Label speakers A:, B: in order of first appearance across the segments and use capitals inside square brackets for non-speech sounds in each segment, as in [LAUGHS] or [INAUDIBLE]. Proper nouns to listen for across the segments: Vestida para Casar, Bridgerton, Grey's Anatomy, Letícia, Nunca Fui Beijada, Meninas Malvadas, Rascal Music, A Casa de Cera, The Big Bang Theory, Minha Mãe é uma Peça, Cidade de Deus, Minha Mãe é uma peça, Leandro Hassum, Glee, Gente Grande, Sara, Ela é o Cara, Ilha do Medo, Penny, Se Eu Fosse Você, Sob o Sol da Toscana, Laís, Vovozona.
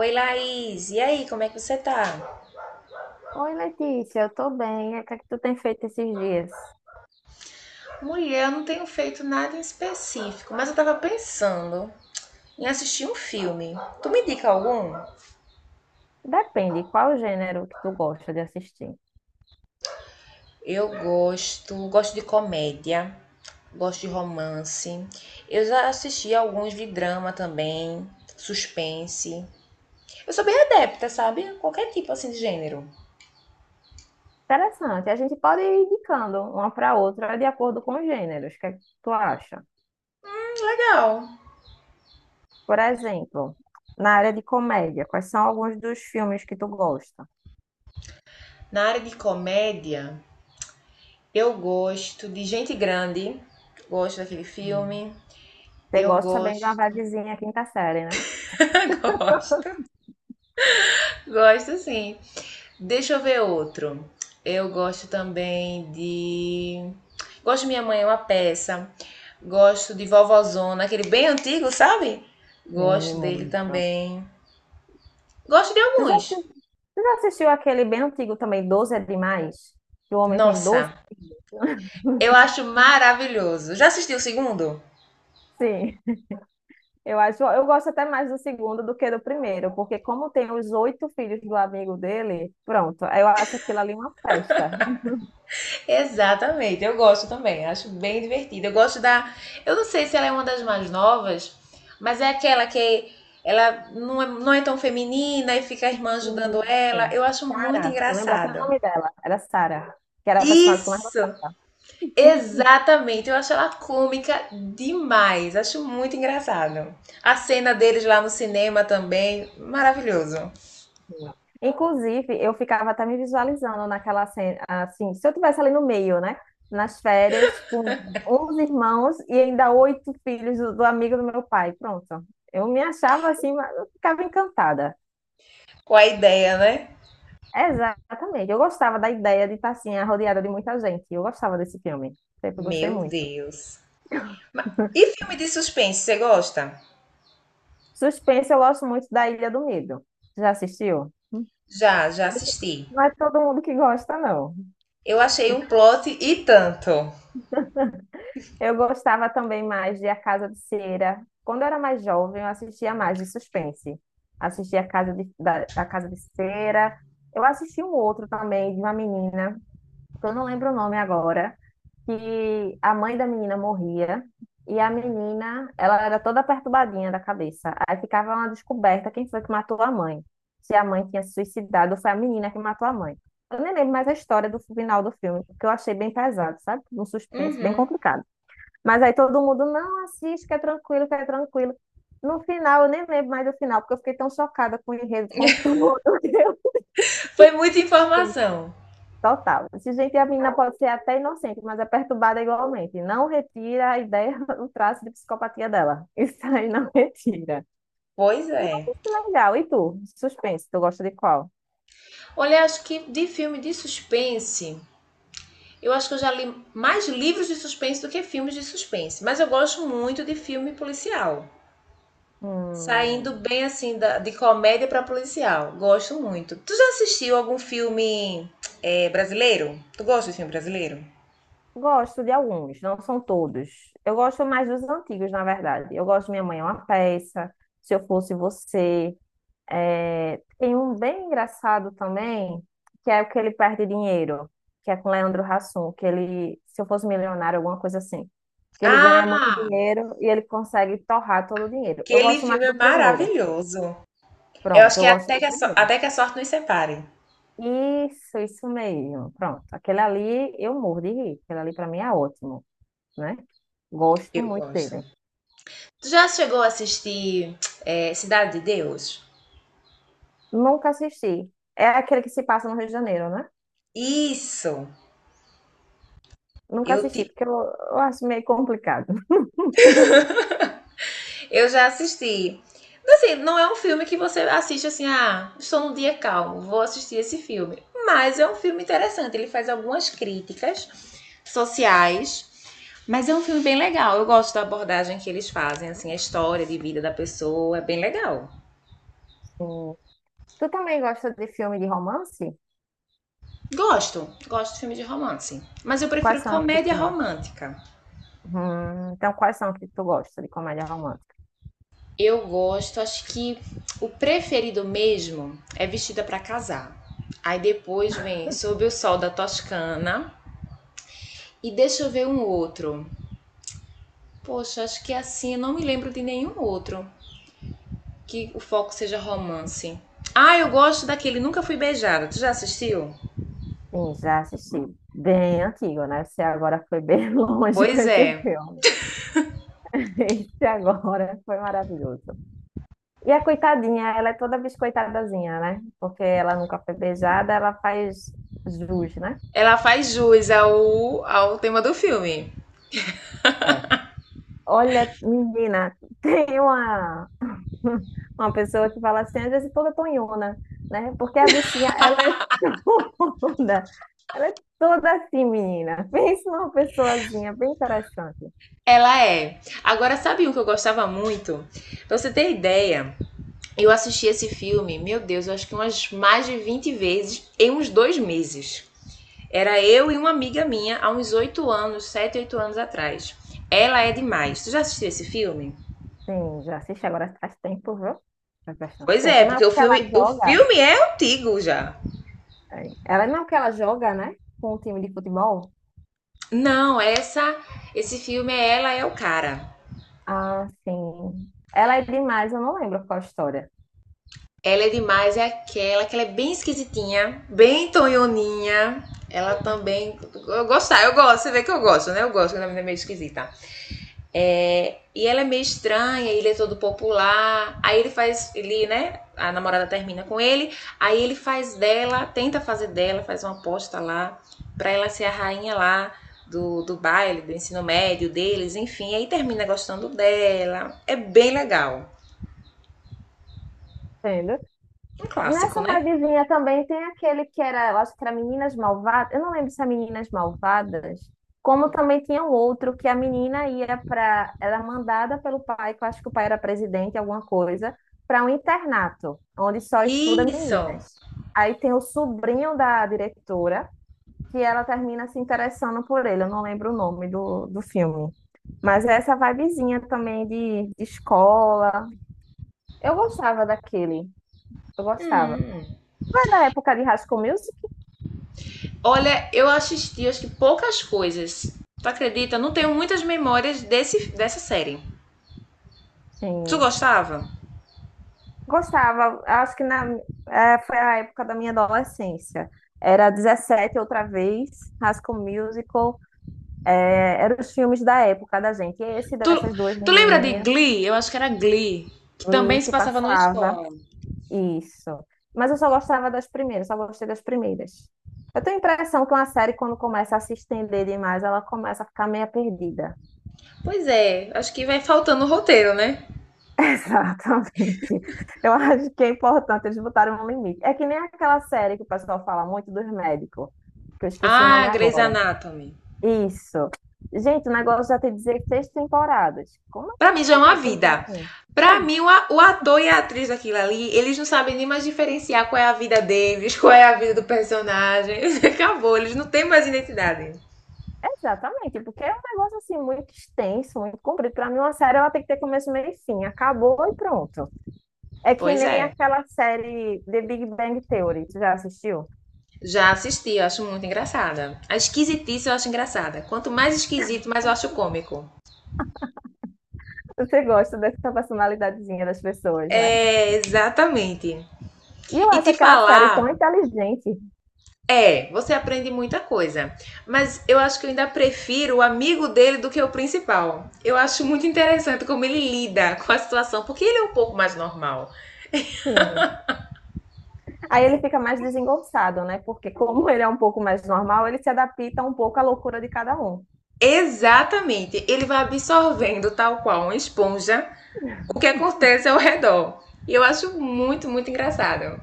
A: Oi, Laís. E aí, como é que você tá?
B: Oi, Letícia, eu tô bem. E o que é que tu tem feito esses dias?
A: Mulher, eu não tenho feito nada em específico, mas eu tava pensando em assistir um filme. Tu me indica algum?
B: Depende, qual o gênero que tu gosta de assistir?
A: Eu gosto de comédia, gosto de romance. Eu já assisti alguns de drama também, suspense. Eu sou bem adepta, sabe? Qualquer tipo assim de gênero.
B: Interessante, a gente pode ir indicando uma para outra de acordo com os gêneros. O que é que tu acha?
A: Legal.
B: Por exemplo, na área de comédia, quais são alguns dos filmes que tu gosta?
A: Na área de comédia, eu gosto de Gente Grande, gosto daquele
B: Hum,
A: filme.
B: Você
A: Eu
B: gosta bem de uma
A: gosto.
B: vibezinha quinta série, né?
A: [LAUGHS] Gosto. Gosto sim. Deixa eu ver outro. Eu gosto também de. Gosto de Minha Mãe é uma Peça. Gosto de Vovozona, aquele bem antigo, sabe?
B: Sim,
A: Gosto dele
B: muito.
A: também. Gosto de
B: Tu já,
A: alguns.
B: assi- Tu já assistiu aquele bem antigo também, 12 é demais? Que o homem tem 12?
A: Nossa,
B: [LAUGHS]
A: eu acho maravilhoso. Já assistiu o segundo?
B: Sim. Eu acho, eu gosto até mais do segundo do que do primeiro, porque como tem os oito filhos do amigo dele, pronto, eu acho aquilo ali uma festa.
A: Exatamente, eu gosto também, acho bem divertido. Eu gosto da. Eu não sei se ela é uma das mais novas, mas é aquela que ela não é tão feminina e fica a irmã ajudando ela.
B: Isso.
A: Eu acho muito
B: Sara, eu lembro até o
A: engraçado.
B: nome dela, era Sara, que era a personagem que eu mais
A: Isso!
B: gostava.
A: Exatamente, eu acho ela cômica demais, acho muito engraçado. A cena deles lá no cinema também, maravilhoso.
B: Inclusive, eu ficava até me visualizando naquela cena, assim, se eu tivesse ali no meio, né? Nas férias, com 11 irmãos e ainda oito filhos do amigo do meu pai. Pronto. Eu me achava assim, mas eu ficava encantada.
A: Com a ideia, né?
B: Exatamente. Eu gostava da ideia de estar assim, rodeada de muita gente. Eu gostava desse filme. Sempre gostei
A: Meu
B: muito.
A: Deus. E filme de suspense, você gosta?
B: Suspense, eu gosto muito da Ilha do Medo. Já assistiu?
A: Já
B: Muito-
A: assisti.
B: não é todo mundo que gosta, não.
A: Eu achei um plot e tanto.
B: Eu gostava também mais de A Casa de Cera. Quando eu era mais jovem, eu assistia mais de suspense. Assistia A Casa de, da, A Casa de Cera. Eu assisti um outro também, de uma menina, que eu não lembro o nome agora, que a mãe da menina morria e a menina, ela era toda perturbadinha da cabeça. Aí ficava uma descoberta quem foi que matou a mãe. Se a mãe tinha se suicidado ou foi a menina que matou a mãe. Eu nem lembro mais a história do final do filme, porque eu achei bem pesado, sabe? Um suspense bem
A: Uhum.
B: complicado. Mas aí todo mundo, não, assiste, que é tranquilo, que é tranquilo. No final, eu nem lembro mais do final, porque eu fiquei tão chocada com o enredo, com
A: [LAUGHS]
B: tudo [LAUGHS] que eu
A: Foi muita
B: vi.
A: informação.
B: Total. Esse gente, a menina pode ser até inocente, mas é perturbada igualmente. Não retira a ideia, o traço de psicopatia dela. [LAUGHS] Isso aí não retira.
A: Pois é.
B: Nossa, que legal. E tu? Suspense, tu gosta de qual?
A: Olha, acho que de filme de suspense, eu acho que eu já li mais livros de suspense do que filmes de suspense. Mas eu gosto muito de filme policial. Saindo
B: Hum,
A: bem assim de comédia pra policial. Gosto muito. Tu já assistiu algum filme brasileiro? Tu gosta de filme brasileiro?
B: Gosto de alguns, não são todos. Eu gosto mais dos antigos, na verdade. Eu gosto de Minha Mãe é uma Peça, Se Eu Fosse Você. É, tem um bem engraçado também, que é o que ele perde dinheiro, que é com Leandro Hassum, que ele, se eu fosse milionário, alguma coisa assim, que ele ganha muito
A: Ah!
B: dinheiro e ele consegue torrar todo o dinheiro. Eu
A: Aquele
B: gosto mais
A: filme é
B: do primeiro.
A: maravilhoso. Eu acho
B: Pronto, eu
A: que é
B: gosto
A: até
B: do
A: que
B: primeiro.
A: até que a sorte nos separe.
B: Isso mesmo. Pronto, aquele ali eu morro de rir. Aquele ali para mim é ótimo, né? Gosto
A: Eu
B: muito
A: gosto.
B: dele.
A: Tu já chegou a assistir Cidade de Deus?
B: Nunca assisti. É aquele que se passa no Rio de Janeiro, né?
A: Isso!
B: Nunca
A: Eu
B: assisti,
A: te...
B: porque eu acho meio complicado.
A: Eu já assisti. Assim, não é um filme que você assiste assim, ah, estou num dia calmo, vou assistir esse filme. Mas é um filme interessante, ele faz algumas críticas sociais, mas é um filme bem legal. Eu gosto da abordagem que eles fazem, assim, a história de vida da pessoa, é bem legal.
B: [LAUGHS] Sim, tu também gosta de filme de romance?
A: Gosto, gosto de filme de romance, mas eu
B: Quais
A: prefiro
B: são os que
A: comédia
B: tu
A: romântica.
B: Então, quais são os que tu gosta de comédia romântica?
A: Eu gosto, acho que o preferido mesmo é Vestida para Casar. Aí depois vem Sob o Sol da Toscana. E deixa eu ver um outro. Poxa, acho que assim eu não me lembro de nenhum outro que o foco seja romance. Ah, eu gosto daquele Nunca Fui Beijada. Tu já assistiu?
B: Sim, já assisti. Bem antigo, né? Você agora foi bem [LAUGHS] longe com
A: Pois
B: esse
A: é.
B: filme. Esse agora foi maravilhoso. E a coitadinha, ela é toda biscoitadazinha, né? Porque ela nunca foi beijada, ela faz jus, né?
A: Ela faz jus ao tema do filme.
B: É. Olha, menina, [LAUGHS] tem uma, [LAUGHS] uma pessoa que fala assim, às vezes toda tonhona, né? Porque a bichinha, ela é [LAUGHS] toda, ela é toda assim, menina. [LAUGHS] Pensa numa pessoazinha bem interessante.
A: Ela é. Agora, sabe um que eu gostava muito? Pra você ter ideia, eu assisti esse filme, meu Deus, eu acho que umas mais de 20 vezes em uns 2 meses. Era eu e uma amiga minha há uns 8 anos, 7, 8 anos atrás. Ela é demais. Tu já assistiu esse filme?
B: Sim, já assisti agora faz tempo, viu? Faz bastante
A: Pois
B: tempo.
A: é,
B: Não é
A: porque
B: porque ela
A: o
B: joga,
A: filme é antigo já.
B: é, ela não é porque ela joga, né? Com o time de futebol.
A: Não, essa esse filme é Ela é o Cara.
B: Ah, sim. Ela é demais, eu não lembro qual a história.
A: Ela é demais, é aquela que ela é bem esquisitinha, bem tonhoninha. Ela também. Eu gosto, você vê que eu gosto, né? Eu gosto quando a menina é meio esquisita. É, e ela é meio estranha, ele é todo popular. Aí ele faz, ele, né? A namorada termina com ele. Aí ele faz dela, tenta fazer dela, faz uma aposta lá, pra ela ser a rainha lá do baile, do ensino médio deles, enfim. Aí termina gostando dela. É bem legal.
B: Entendeu?
A: Um clássico,
B: Nessa
A: né?
B: vibezinha também tem aquele que era, eu acho que era Meninas Malvadas, eu não lembro se é Meninas Malvadas, como também tinha um outro que a menina ia para, era mandada pelo pai, que eu acho que o pai era presidente, alguma coisa, para um internato, onde só estuda
A: Isso!
B: meninas. Aí tem o sobrinho da diretora, que ela termina se interessando por ele, eu não lembro o nome do filme. Mas é essa vibezinha também de escola. Eu gostava daquele, eu gostava.
A: Hum.
B: Foi na época de Rascal Music?
A: Olha, eu assisti acho que poucas coisas. Tu acredita? Não tenho muitas memórias dessa série. Tu
B: Sim.
A: gostava?
B: Gostava, acho que na, é, foi a época da minha adolescência. Era 17 outra vez, Rascal Musical, é, eram os filmes da época da gente. Esse
A: Tu,
B: dessas duas
A: tu lembra de
B: menininhas,
A: Glee? Eu acho que era Glee, que também
B: Lee,
A: se
B: que
A: passava numa
B: passava,
A: escola.
B: isso. Mas eu só gostava das primeiras, só gostei das primeiras. Eu tenho a impressão que uma série, quando começa a se estender demais, ela começa a ficar meio perdida.
A: Pois é, acho que vai faltando o roteiro, né?
B: [LAUGHS] Exatamente. Eu acho que é importante eles botarem um limite. É que nem aquela série que o pessoal fala muito dos médicos, que eu esqueci o nome
A: Ah, Grey's
B: agora.
A: Anatomy.
B: Isso. Gente, o negócio já tem 16 temporadas. Como é
A: Pra mim já
B: que o
A: é uma
B: pessoal tem
A: vida.
B: paciência?
A: Pra mim, o ator e a atriz daquilo ali, eles não sabem nem mais diferenciar qual é a vida deles, [LAUGHS] qual é a vida do personagem. [LAUGHS] Acabou, eles não têm mais identidade.
B: Exatamente, porque é um negócio assim muito extenso, muito comprido. Para mim, uma série ela tem que ter começo, meio e fim. Acabou e pronto. É que
A: Pois
B: nem
A: é.
B: aquela série The Big Bang Theory. Tu já assistiu?
A: Já assisti, eu acho muito engraçada. A esquisitice eu acho engraçada. Quanto mais esquisito, mais eu acho cômico.
B: Você gosta dessa personalidadezinha das pessoas, né?
A: É, exatamente.
B: E eu
A: E
B: acho
A: te
B: aquela série tão
A: falar
B: inteligente.
A: é, você aprende muita coisa. Mas eu acho que eu ainda prefiro o amigo dele do que o principal. Eu acho muito interessante como ele lida com a situação, porque ele é um pouco mais normal.
B: Sim. Aí ele fica mais desengonçado, né? Porque como ele é um pouco mais normal, ele se adapta um pouco à loucura de cada um.
A: Exatamente, ele vai absorvendo, tal qual uma esponja, o que acontece ao redor. E eu acho muito, muito engraçado.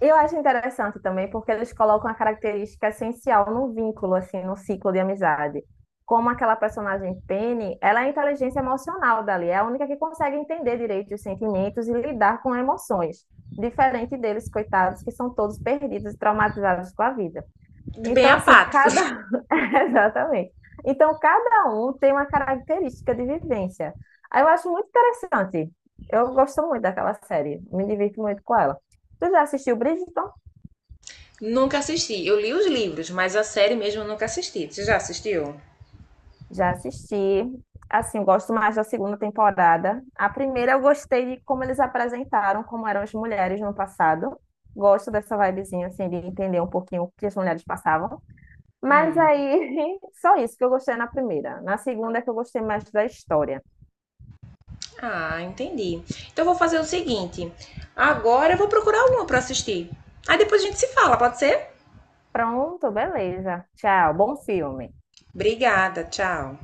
B: Eu acho interessante também porque eles colocam a característica essencial no vínculo, assim, no ciclo de amizade. Como aquela personagem Penny, ela é a inteligência emocional dali, é a única que consegue entender direito os sentimentos e lidar com emoções, diferente deles, coitados, que são todos perdidos e traumatizados com a vida.
A: Bem
B: Então, assim, cada.
A: apáticos.
B: [LAUGHS] Exatamente. Então, cada um tem uma característica de vivência. Aí eu acho muito interessante. Eu gosto muito daquela série, me divirto muito com ela. Tu já assistiu Bridgerton?
A: [LAUGHS] Nunca assisti. Eu li os livros, mas a série mesmo eu nunca assisti. Você já assistiu?
B: Já assisti. Assim, eu gosto mais da segunda temporada. A primeira eu gostei de como eles apresentaram como eram as mulheres no passado. Gosto dessa vibezinha, assim, de entender um pouquinho o que as mulheres passavam. Mas aí, [LAUGHS] só isso que eu gostei na primeira. Na segunda é que eu gostei mais da história.
A: Ah, entendi. Então eu vou fazer o seguinte. Agora eu vou procurar uma para assistir. Aí depois a gente se fala, pode ser?
B: Pronto, beleza. Tchau, bom filme.
A: Obrigada, tchau.